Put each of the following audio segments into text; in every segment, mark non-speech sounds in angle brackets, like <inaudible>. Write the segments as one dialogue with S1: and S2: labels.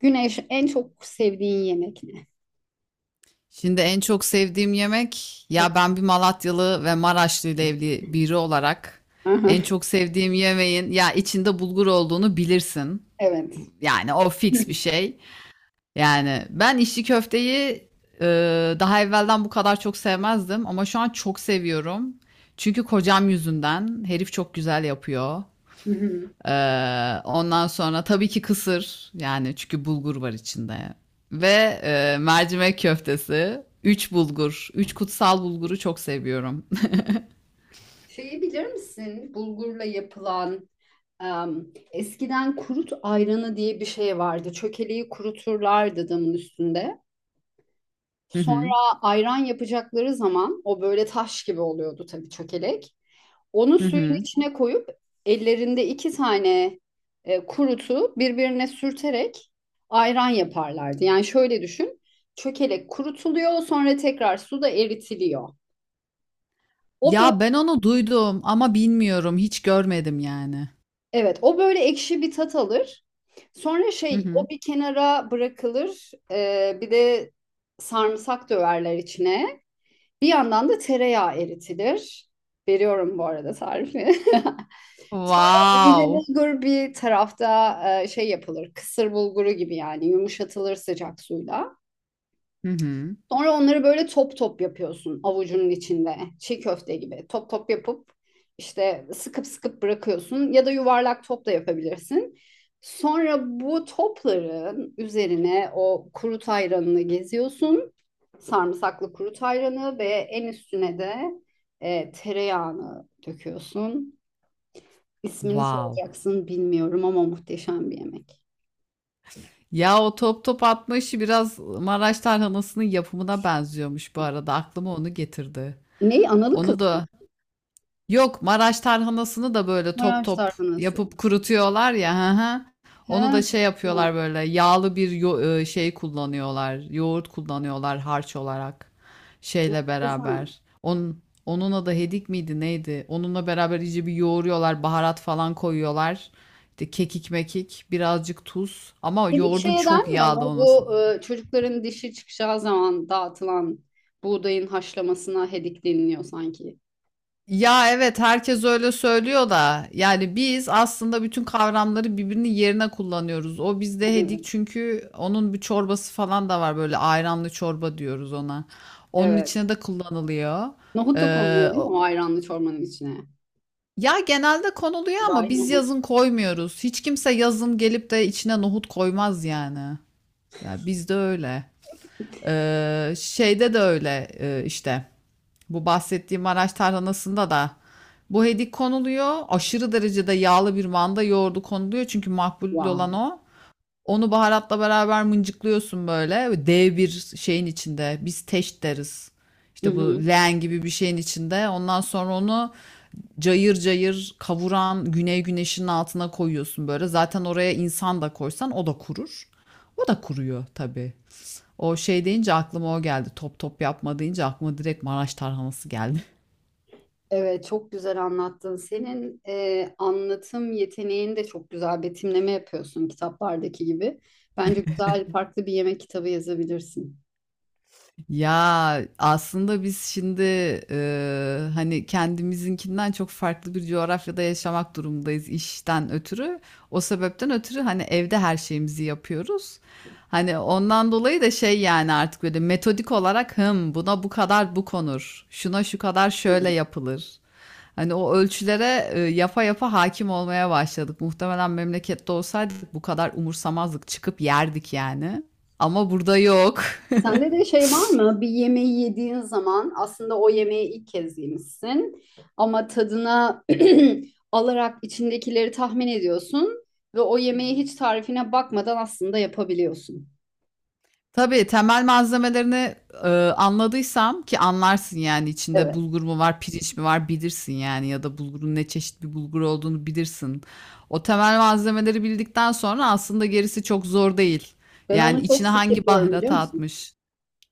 S1: Güneş, en çok sevdiğin yemek ne?
S2: Şimdi en çok sevdiğim yemek,
S1: Hep.
S2: ya, ben bir Malatyalı ve Maraşlı ile evli biri olarak en
S1: Aha,
S2: çok sevdiğim yemeğin ya içinde bulgur olduğunu bilirsin.
S1: evet.
S2: Yani o fix bir şey. Yani ben içli köfteyi e, daha evvelden bu kadar çok sevmezdim ama şu an çok seviyorum. Çünkü kocam yüzünden herif çok güzel yapıyor.
S1: Hı hı.
S2: Ondan sonra tabii ki kısır, yani çünkü bulgur var içinde, ve mercimek köftesi. Üç bulgur, üç kutsal bulguru çok seviyorum.
S1: Şeyi bilir misin? Bulgurla yapılan eskiden kurut ayranı diye bir şey vardı. Çökeleği kuruturlardı damın üstünde.
S2: <laughs> Hı hı,
S1: Sonra ayran yapacakları zaman o böyle taş gibi oluyordu tabii çökelek. Onu
S2: hı
S1: suyun
S2: hı.
S1: içine koyup ellerinde iki tane kurutu birbirine sürterek ayran yaparlardı. Yani şöyle düşün. Çökelek kurutuluyor, sonra tekrar suda eritiliyor. O böyle,
S2: Ya ben onu duydum ama bilmiyorum, hiç görmedim yani.
S1: evet, o böyle ekşi bir tat alır. Sonra
S2: Hı
S1: şey,
S2: hı.
S1: o bir kenara bırakılır. E, bir de sarımsak döverler içine. Bir yandan da tereyağı eritilir. Veriyorum bu arada tarifi. <laughs> Sonra ince
S2: Wow.
S1: bulgur bir tarafta şey yapılır. Kısır bulguru gibi yani yumuşatılır sıcak suyla.
S2: Hı hı.
S1: Sonra onları böyle top top yapıyorsun avucunun içinde. Çiğ köfte gibi top top yapıp işte sıkıp sıkıp bırakıyorsun ya da yuvarlak top da yapabilirsin. Sonra bu topların üzerine o kuru ayranını geziyorsun. Sarımsaklı kuru ayranı ve en üstüne de tereyağını döküyorsun. İsmini
S2: Wow.
S1: soracaksın bilmiyorum ama muhteşem bir yemek.
S2: Ya o top top atma işi biraz Maraş tarhanasının yapımına benziyormuş bu arada. Aklıma onu getirdi.
S1: Neyi? Analı
S2: Onu
S1: kızım.
S2: da. Yok, Maraş tarhanasını da böyle top
S1: Maraş
S2: top
S1: tarhanası.
S2: yapıp kurutuyorlar ya. Hı hı.
S1: He,
S2: Onu da şey yapıyorlar,
S1: bilmiyorum.
S2: böyle yağlı bir şey kullanıyorlar. Yoğurt kullanıyorlar harç olarak, şeyle
S1: Enteresan.
S2: beraber. Onun adı hedik miydi neydi? Onunla beraber iyice bir yoğuruyorlar, baharat falan koyuyorlar. İşte kekik mekik, birazcık tuz, ama
S1: Dedik
S2: yoğurdun
S1: şeye
S2: çok
S1: denmiyor
S2: yağlı
S1: mu?
S2: olması.
S1: Bu çocukların dişi çıkacağı zaman dağıtılan buğdayın haşlamasına hedik deniliyor sanki.
S2: Ya evet, herkes öyle söylüyor da yani biz aslında bütün kavramları birbirinin yerine kullanıyoruz. O bizde hedik,
S1: <laughs>
S2: çünkü onun bir çorbası falan da var, böyle ayranlı çorba diyoruz ona. Onun içine
S1: Evet.
S2: de kullanılıyor.
S1: Nohut da
S2: Ee,
S1: konuluyor değil mi?
S2: o-
S1: O ayranlı çorbanın içine.
S2: Ya genelde konuluyor ama
S1: Buğday,
S2: biz
S1: nohut.
S2: yazın koymuyoruz. Hiç kimse yazın gelip de içine nohut koymaz yani. Ya bizde öyle. Şeyde de öyle, işte. Bu bahsettiğim Maraş tarhanasında da bu hedik konuluyor. Aşırı derecede yağlı bir manda yoğurdu konuluyor. Çünkü makbul olan
S1: Wow.
S2: o. Onu baharatla beraber mıncıklıyorsun böyle. Dev bir şeyin içinde. Biz teş deriz.
S1: Hı
S2: İşte bu
S1: hı.
S2: leğen gibi bir şeyin içinde. Ondan sonra onu cayır cayır kavuran güney güneşinin altına koyuyorsun böyle. Zaten oraya insan da koysan o da kurur. O da kuruyor tabii. O şey deyince aklıma o geldi. Top top yapma deyince aklıma direkt Maraş tarhanası geldi.
S1: Evet, çok güzel anlattın. Senin anlatım yeteneğin de çok güzel. Betimleme yapıyorsun kitaplardaki gibi. Bence güzel, farklı bir yemek kitabı yazabilirsin.
S2: Ya aslında biz şimdi hani kendimizinkinden çok farklı bir coğrafyada yaşamak durumundayız işten ötürü. O sebepten ötürü hani evde her şeyimizi yapıyoruz. Hani ondan dolayı da şey, yani artık böyle metodik olarak, hım, buna bu kadar bu konur. Şuna şu kadar şöyle yapılır. Hani o ölçülere yapa yapa hakim olmaya başladık. Muhtemelen memlekette olsaydık bu kadar umursamazdık, çıkıp yerdik yani. Ama burada yok.
S1: Sende de şey var mı? Bir yemeği yediğin zaman aslında o yemeği ilk kez yemişsin ama tadına <clears throat> alarak içindekileri tahmin ediyorsun ve o
S2: <laughs>
S1: yemeği hiç tarifine bakmadan aslında yapabiliyorsun.
S2: Tabii temel malzemelerini, anladıysam ki anlarsın, yani içinde
S1: Evet.
S2: bulgur mu var, pirinç mi var bilirsin, yani ya da bulgurun ne çeşit bir bulgur olduğunu bilirsin. O temel malzemeleri bildikten sonra aslında gerisi çok zor değil.
S1: Ben
S2: Yani
S1: onu çok
S2: içine
S1: sık
S2: hangi
S1: yapıyorum biliyor
S2: baharatı
S1: musun?
S2: atmış?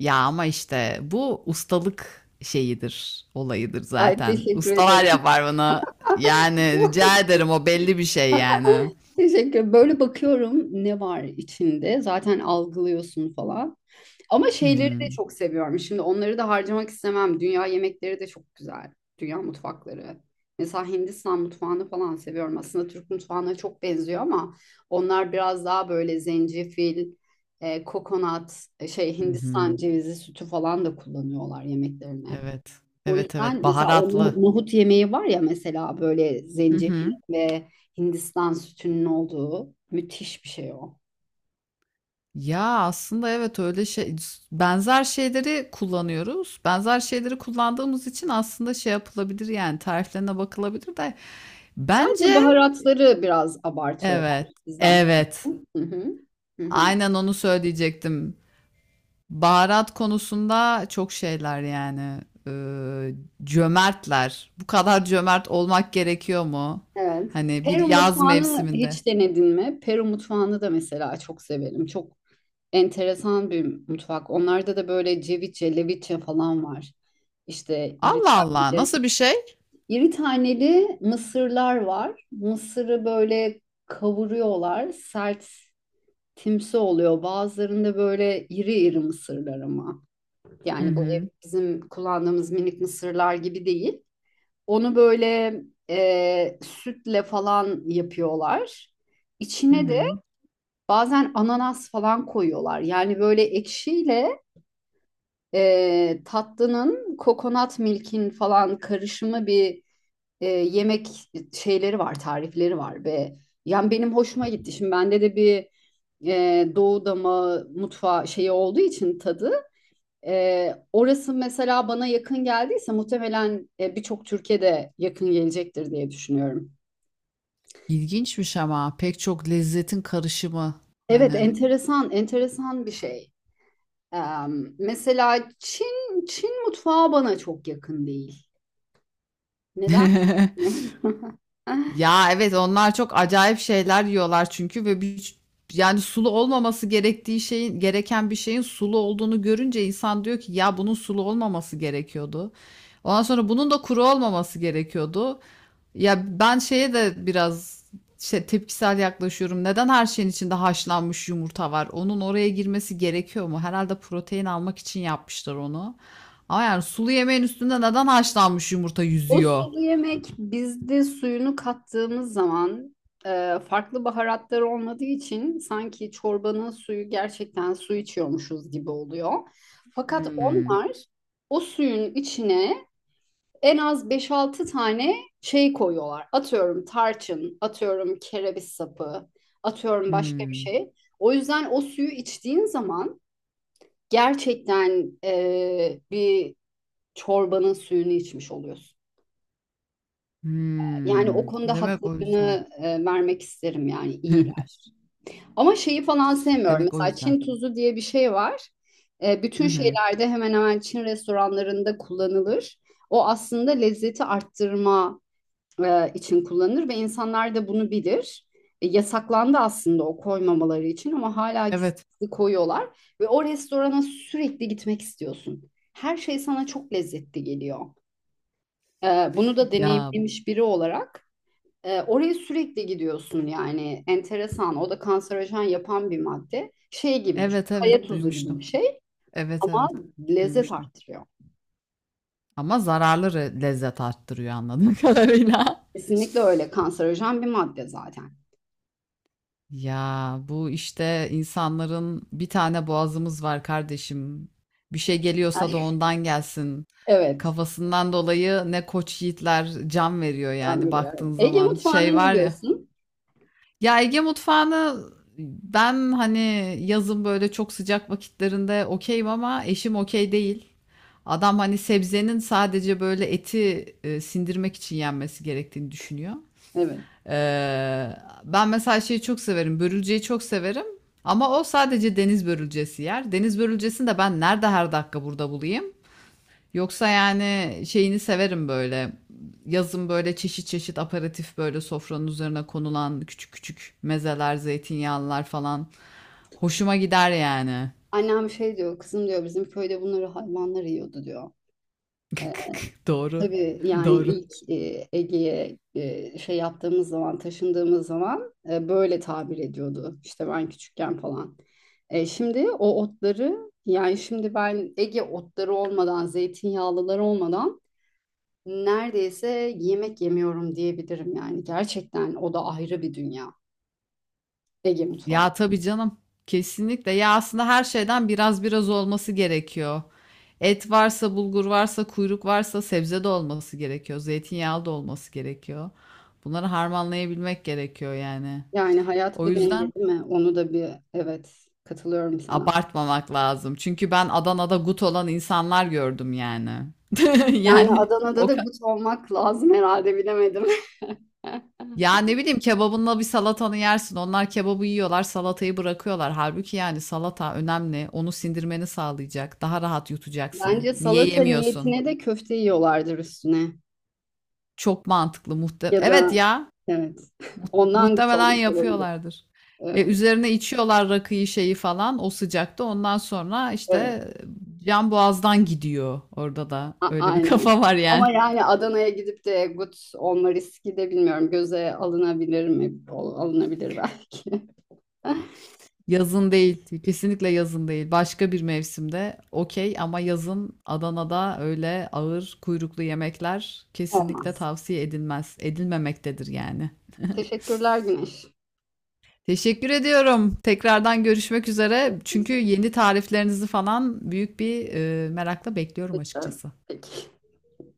S2: Ya ama işte bu ustalık şeyidir, olayıdır
S1: Ay,
S2: zaten.
S1: teşekkür
S2: Ustalar
S1: ederim.
S2: yapar bunu. Yani
S1: <laughs>
S2: rica ederim, o belli bir şey yani.
S1: Teşekkür. Böyle bakıyorum ne var içinde. Zaten algılıyorsun falan. Ama
S2: Hı
S1: şeyleri
S2: hı.
S1: de çok seviyorum. Şimdi onları da harcamak istemem. Dünya yemekleri de çok güzel. Dünya mutfakları. Mesela Hindistan mutfağını falan seviyorum. Aslında Türk mutfağına çok benziyor ama onlar biraz daha böyle zencefil, kokonat, şey
S2: Hı
S1: Hindistan
S2: hı.
S1: cevizi sütü falan da kullanıyorlar yemeklerine.
S2: Evet.
S1: O
S2: Evet, evet.
S1: yüzden mesela o
S2: Baharatlı.
S1: nohut yemeği var ya mesela böyle
S2: Hı
S1: zencefil
S2: hı.
S1: ve Hindistan sütünün olduğu müthiş bir şey o.
S2: Ya aslında evet, öyle şey, benzer şeyleri kullanıyoruz. Benzer şeyleri kullandığımız için aslında şey yapılabilir, yani tariflerine bakılabilir de
S1: Sadece
S2: bence
S1: baharatları biraz abartıyorlar
S2: evet.
S1: bizden.
S2: Evet.
S1: Farklı. Hı hı. Hı hı.
S2: Aynen onu söyleyecektim. Baharat konusunda çok şeyler yani. Ee, Cömertler. Bu kadar cömert olmak gerekiyor mu?
S1: Evet.
S2: Hani bir
S1: Peru
S2: yaz
S1: mutfağını
S2: mevsiminde.
S1: hiç denedin mi? Peru mutfağını da mesela çok severim. Çok enteresan bir mutfak. Onlarda da böyle ceviche, leviche falan var. İşte
S2: Allah
S1: iritaki.
S2: Allah, nasıl bir şey?
S1: İri taneli mısırlar var. Mısırı böyle kavuruyorlar. Sert timsi oluyor. Bazılarında böyle iri iri mısırlar ama.
S2: Hı
S1: Yani bu
S2: hı.
S1: bizim kullandığımız minik mısırlar gibi değil. Onu böyle sütle falan yapıyorlar.
S2: Hı
S1: İçine de
S2: hı.
S1: bazen ananas falan koyuyorlar. Yani böyle ekşiyle tatlının kokonat milkin falan karışımı bir yemek şeyleri var, tarifleri var ve yani benim hoşuma gitti. Şimdi bende de bir Doğu dama mutfağı şeyi olduğu için tadı orası mesela bana yakın geldiyse muhtemelen birçok Türkiye'de yakın gelecektir diye düşünüyorum.
S2: İlginçmiş, ama pek çok lezzetin karışımı
S1: Evet,
S2: hani.
S1: enteresan, enteresan bir şey. E, Mesela Çin mutfağı bana çok yakın değil. Neden?
S2: <laughs>
S1: <laughs>
S2: Ya evet, onlar çok acayip şeyler yiyorlar çünkü, ve bir, yani sulu olmaması gerektiği şeyin, gereken bir şeyin sulu olduğunu görünce insan diyor ki ya bunun sulu olmaması gerekiyordu. Ondan sonra bunun da kuru olmaması gerekiyordu. Ya ben şeye de biraz şey, tepkisel yaklaşıyorum. Neden her şeyin içinde haşlanmış yumurta var? Onun oraya girmesi gerekiyor mu? Herhalde protein almak için yapmışlar onu. Ama yani sulu yemeğin üstünde neden haşlanmış yumurta
S1: O
S2: yüzüyor?
S1: sulu yemek bizde suyunu kattığımız zaman farklı baharatlar olmadığı için sanki çorbanın suyu gerçekten su içiyormuşuz gibi oluyor. Fakat
S2: Hmm,
S1: onlar o suyun içine en az beş-altı tane şey koyuyorlar. Atıyorum tarçın, atıyorum kereviz sapı, atıyorum başka bir
S2: hmm,
S1: şey. O yüzden o suyu içtiğin zaman gerçekten bir çorbanın suyunu içmiş oluyorsun. Yani o
S2: hmm.
S1: konuda
S2: Demek o yüzden.
S1: haklarını vermek isterim yani
S2: <laughs>
S1: iyiler. Ama şeyi falan sevmiyorum.
S2: Demek o
S1: Mesela
S2: yüzden.
S1: Çin tuzu diye bir şey var.
S2: Hı
S1: Bütün
S2: hı.
S1: şeylerde hemen hemen Çin restoranlarında kullanılır. O aslında lezzeti arttırma için kullanılır ve insanlar da bunu bilir. Yasaklandı aslında o koymamaları için ama hala gizli
S2: Evet.
S1: gizli koyuyorlar. Ve o restorana sürekli gitmek istiyorsun. Her şey sana çok lezzetli geliyor. E, Bunu da
S2: Ya
S1: deneyimlemiş biri olarak. Oraya sürekli gidiyorsun yani enteresan. O da kanserojen yapan bir madde. Şey gibi düşün.
S2: evet
S1: Kaya
S2: evet,
S1: tuzu gibi
S2: duymuştum.
S1: bir şey
S2: Evet
S1: ama
S2: evet,
S1: lezzet
S2: duymuştum.
S1: arttırıyor.
S2: Ama zararlı lezzet arttırıyor anladığım <laughs> kadarıyla.
S1: Kesinlikle öyle kanserojen bir madde zaten.
S2: Ya bu işte, insanların bir tane boğazımız var kardeşim. Bir şey geliyorsa da
S1: <laughs>
S2: ondan gelsin.
S1: Evet.
S2: Kafasından dolayı ne koç yiğitler can veriyor
S1: Ben
S2: yani
S1: biliyorum.
S2: baktığın
S1: Evet. Ege
S2: zaman.
S1: mutfağında
S2: Şey
S1: ne
S2: var ya.
S1: diyorsun?
S2: Ya Ege mutfağını ben hani yazın böyle çok sıcak vakitlerinde okeyim, ama eşim okey değil. Adam hani sebzenin sadece böyle eti sindirmek için yenmesi gerektiğini düşünüyor.
S1: Evet.
S2: Ee, Ben mesela şeyi çok severim. Börülceyi çok severim. Ama o sadece deniz börülcesi yer. Deniz börülcesini de ben nerede her dakika burada bulayım? Yoksa yani şeyini severim böyle. Yazın böyle çeşit çeşit aperatif, böyle sofranın üzerine konulan küçük küçük mezeler, zeytinyağlılar falan. Hoşuma gider yani.
S1: Annem şey diyor, kızım diyor bizim köyde bunları hayvanlar yiyordu diyor.
S2: <laughs> Doğru.
S1: Tabii yani
S2: Doğru.
S1: ilk Ege'ye şey yaptığımız zaman, taşındığımız zaman böyle tabir ediyordu. İşte ben küçükken falan. Şimdi o otları yani şimdi ben Ege otları olmadan, zeytinyağlıları olmadan neredeyse yemek yemiyorum diyebilirim yani. Gerçekten o da ayrı bir dünya Ege mutfağı.
S2: Ya tabii canım. Kesinlikle. Ya aslında her şeyden biraz biraz olması gerekiyor. Et varsa, bulgur varsa, kuyruk varsa sebze de olması gerekiyor. Zeytinyağlı da olması gerekiyor. Bunları harmanlayabilmek gerekiyor yani.
S1: Yani hayat
S2: O
S1: bir
S2: yüzden
S1: denge değil mi? Onu da bir evet, katılıyorum sana.
S2: abartmamak lazım. Çünkü ben Adana'da gut olan insanlar gördüm yani. <laughs>
S1: Yani
S2: Yani
S1: Adana'da
S2: o.
S1: da gut olmak lazım herhalde, bilemedim. <laughs>
S2: Ya ne bileyim, kebabınla bir salatanı yersin. Onlar kebabı yiyorlar, salatayı bırakıyorlar. Halbuki yani salata önemli. Onu sindirmeni sağlayacak. Daha rahat yutacaksın.
S1: Bence
S2: Niye
S1: salata
S2: yemiyorsun?
S1: niyetine de köfte yiyorlardır üstüne.
S2: Çok mantıklı muhte.
S1: Ya
S2: Evet
S1: da
S2: ya.
S1: evet. <laughs> Ondan gut
S2: Muhtemelen
S1: olmuş olabilir.
S2: yapıyorlardır. E,
S1: Evet.
S2: üzerine içiyorlar rakıyı şeyi falan o sıcakta. Ondan sonra işte
S1: Evet.
S2: can boğazdan gidiyor. Orada da öyle bir <laughs>
S1: Aynen.
S2: kafa var yani.
S1: Ama yani Adana'ya gidip de gut olma riski de bilmiyorum. Göze alınabilir mi? Alınabilir belki. <laughs>
S2: Yazın değil. Kesinlikle yazın değil. Başka bir mevsimde okey ama yazın Adana'da öyle ağır kuyruklu yemekler kesinlikle
S1: Olmaz.
S2: tavsiye edilmez. Edilmemektedir yani.
S1: Teşekkürler Güneş.
S2: Teşekkür ediyorum. Tekrardan görüşmek üzere. Çünkü yeni tariflerinizi falan büyük bir merakla bekliyorum açıkçası.
S1: Peki.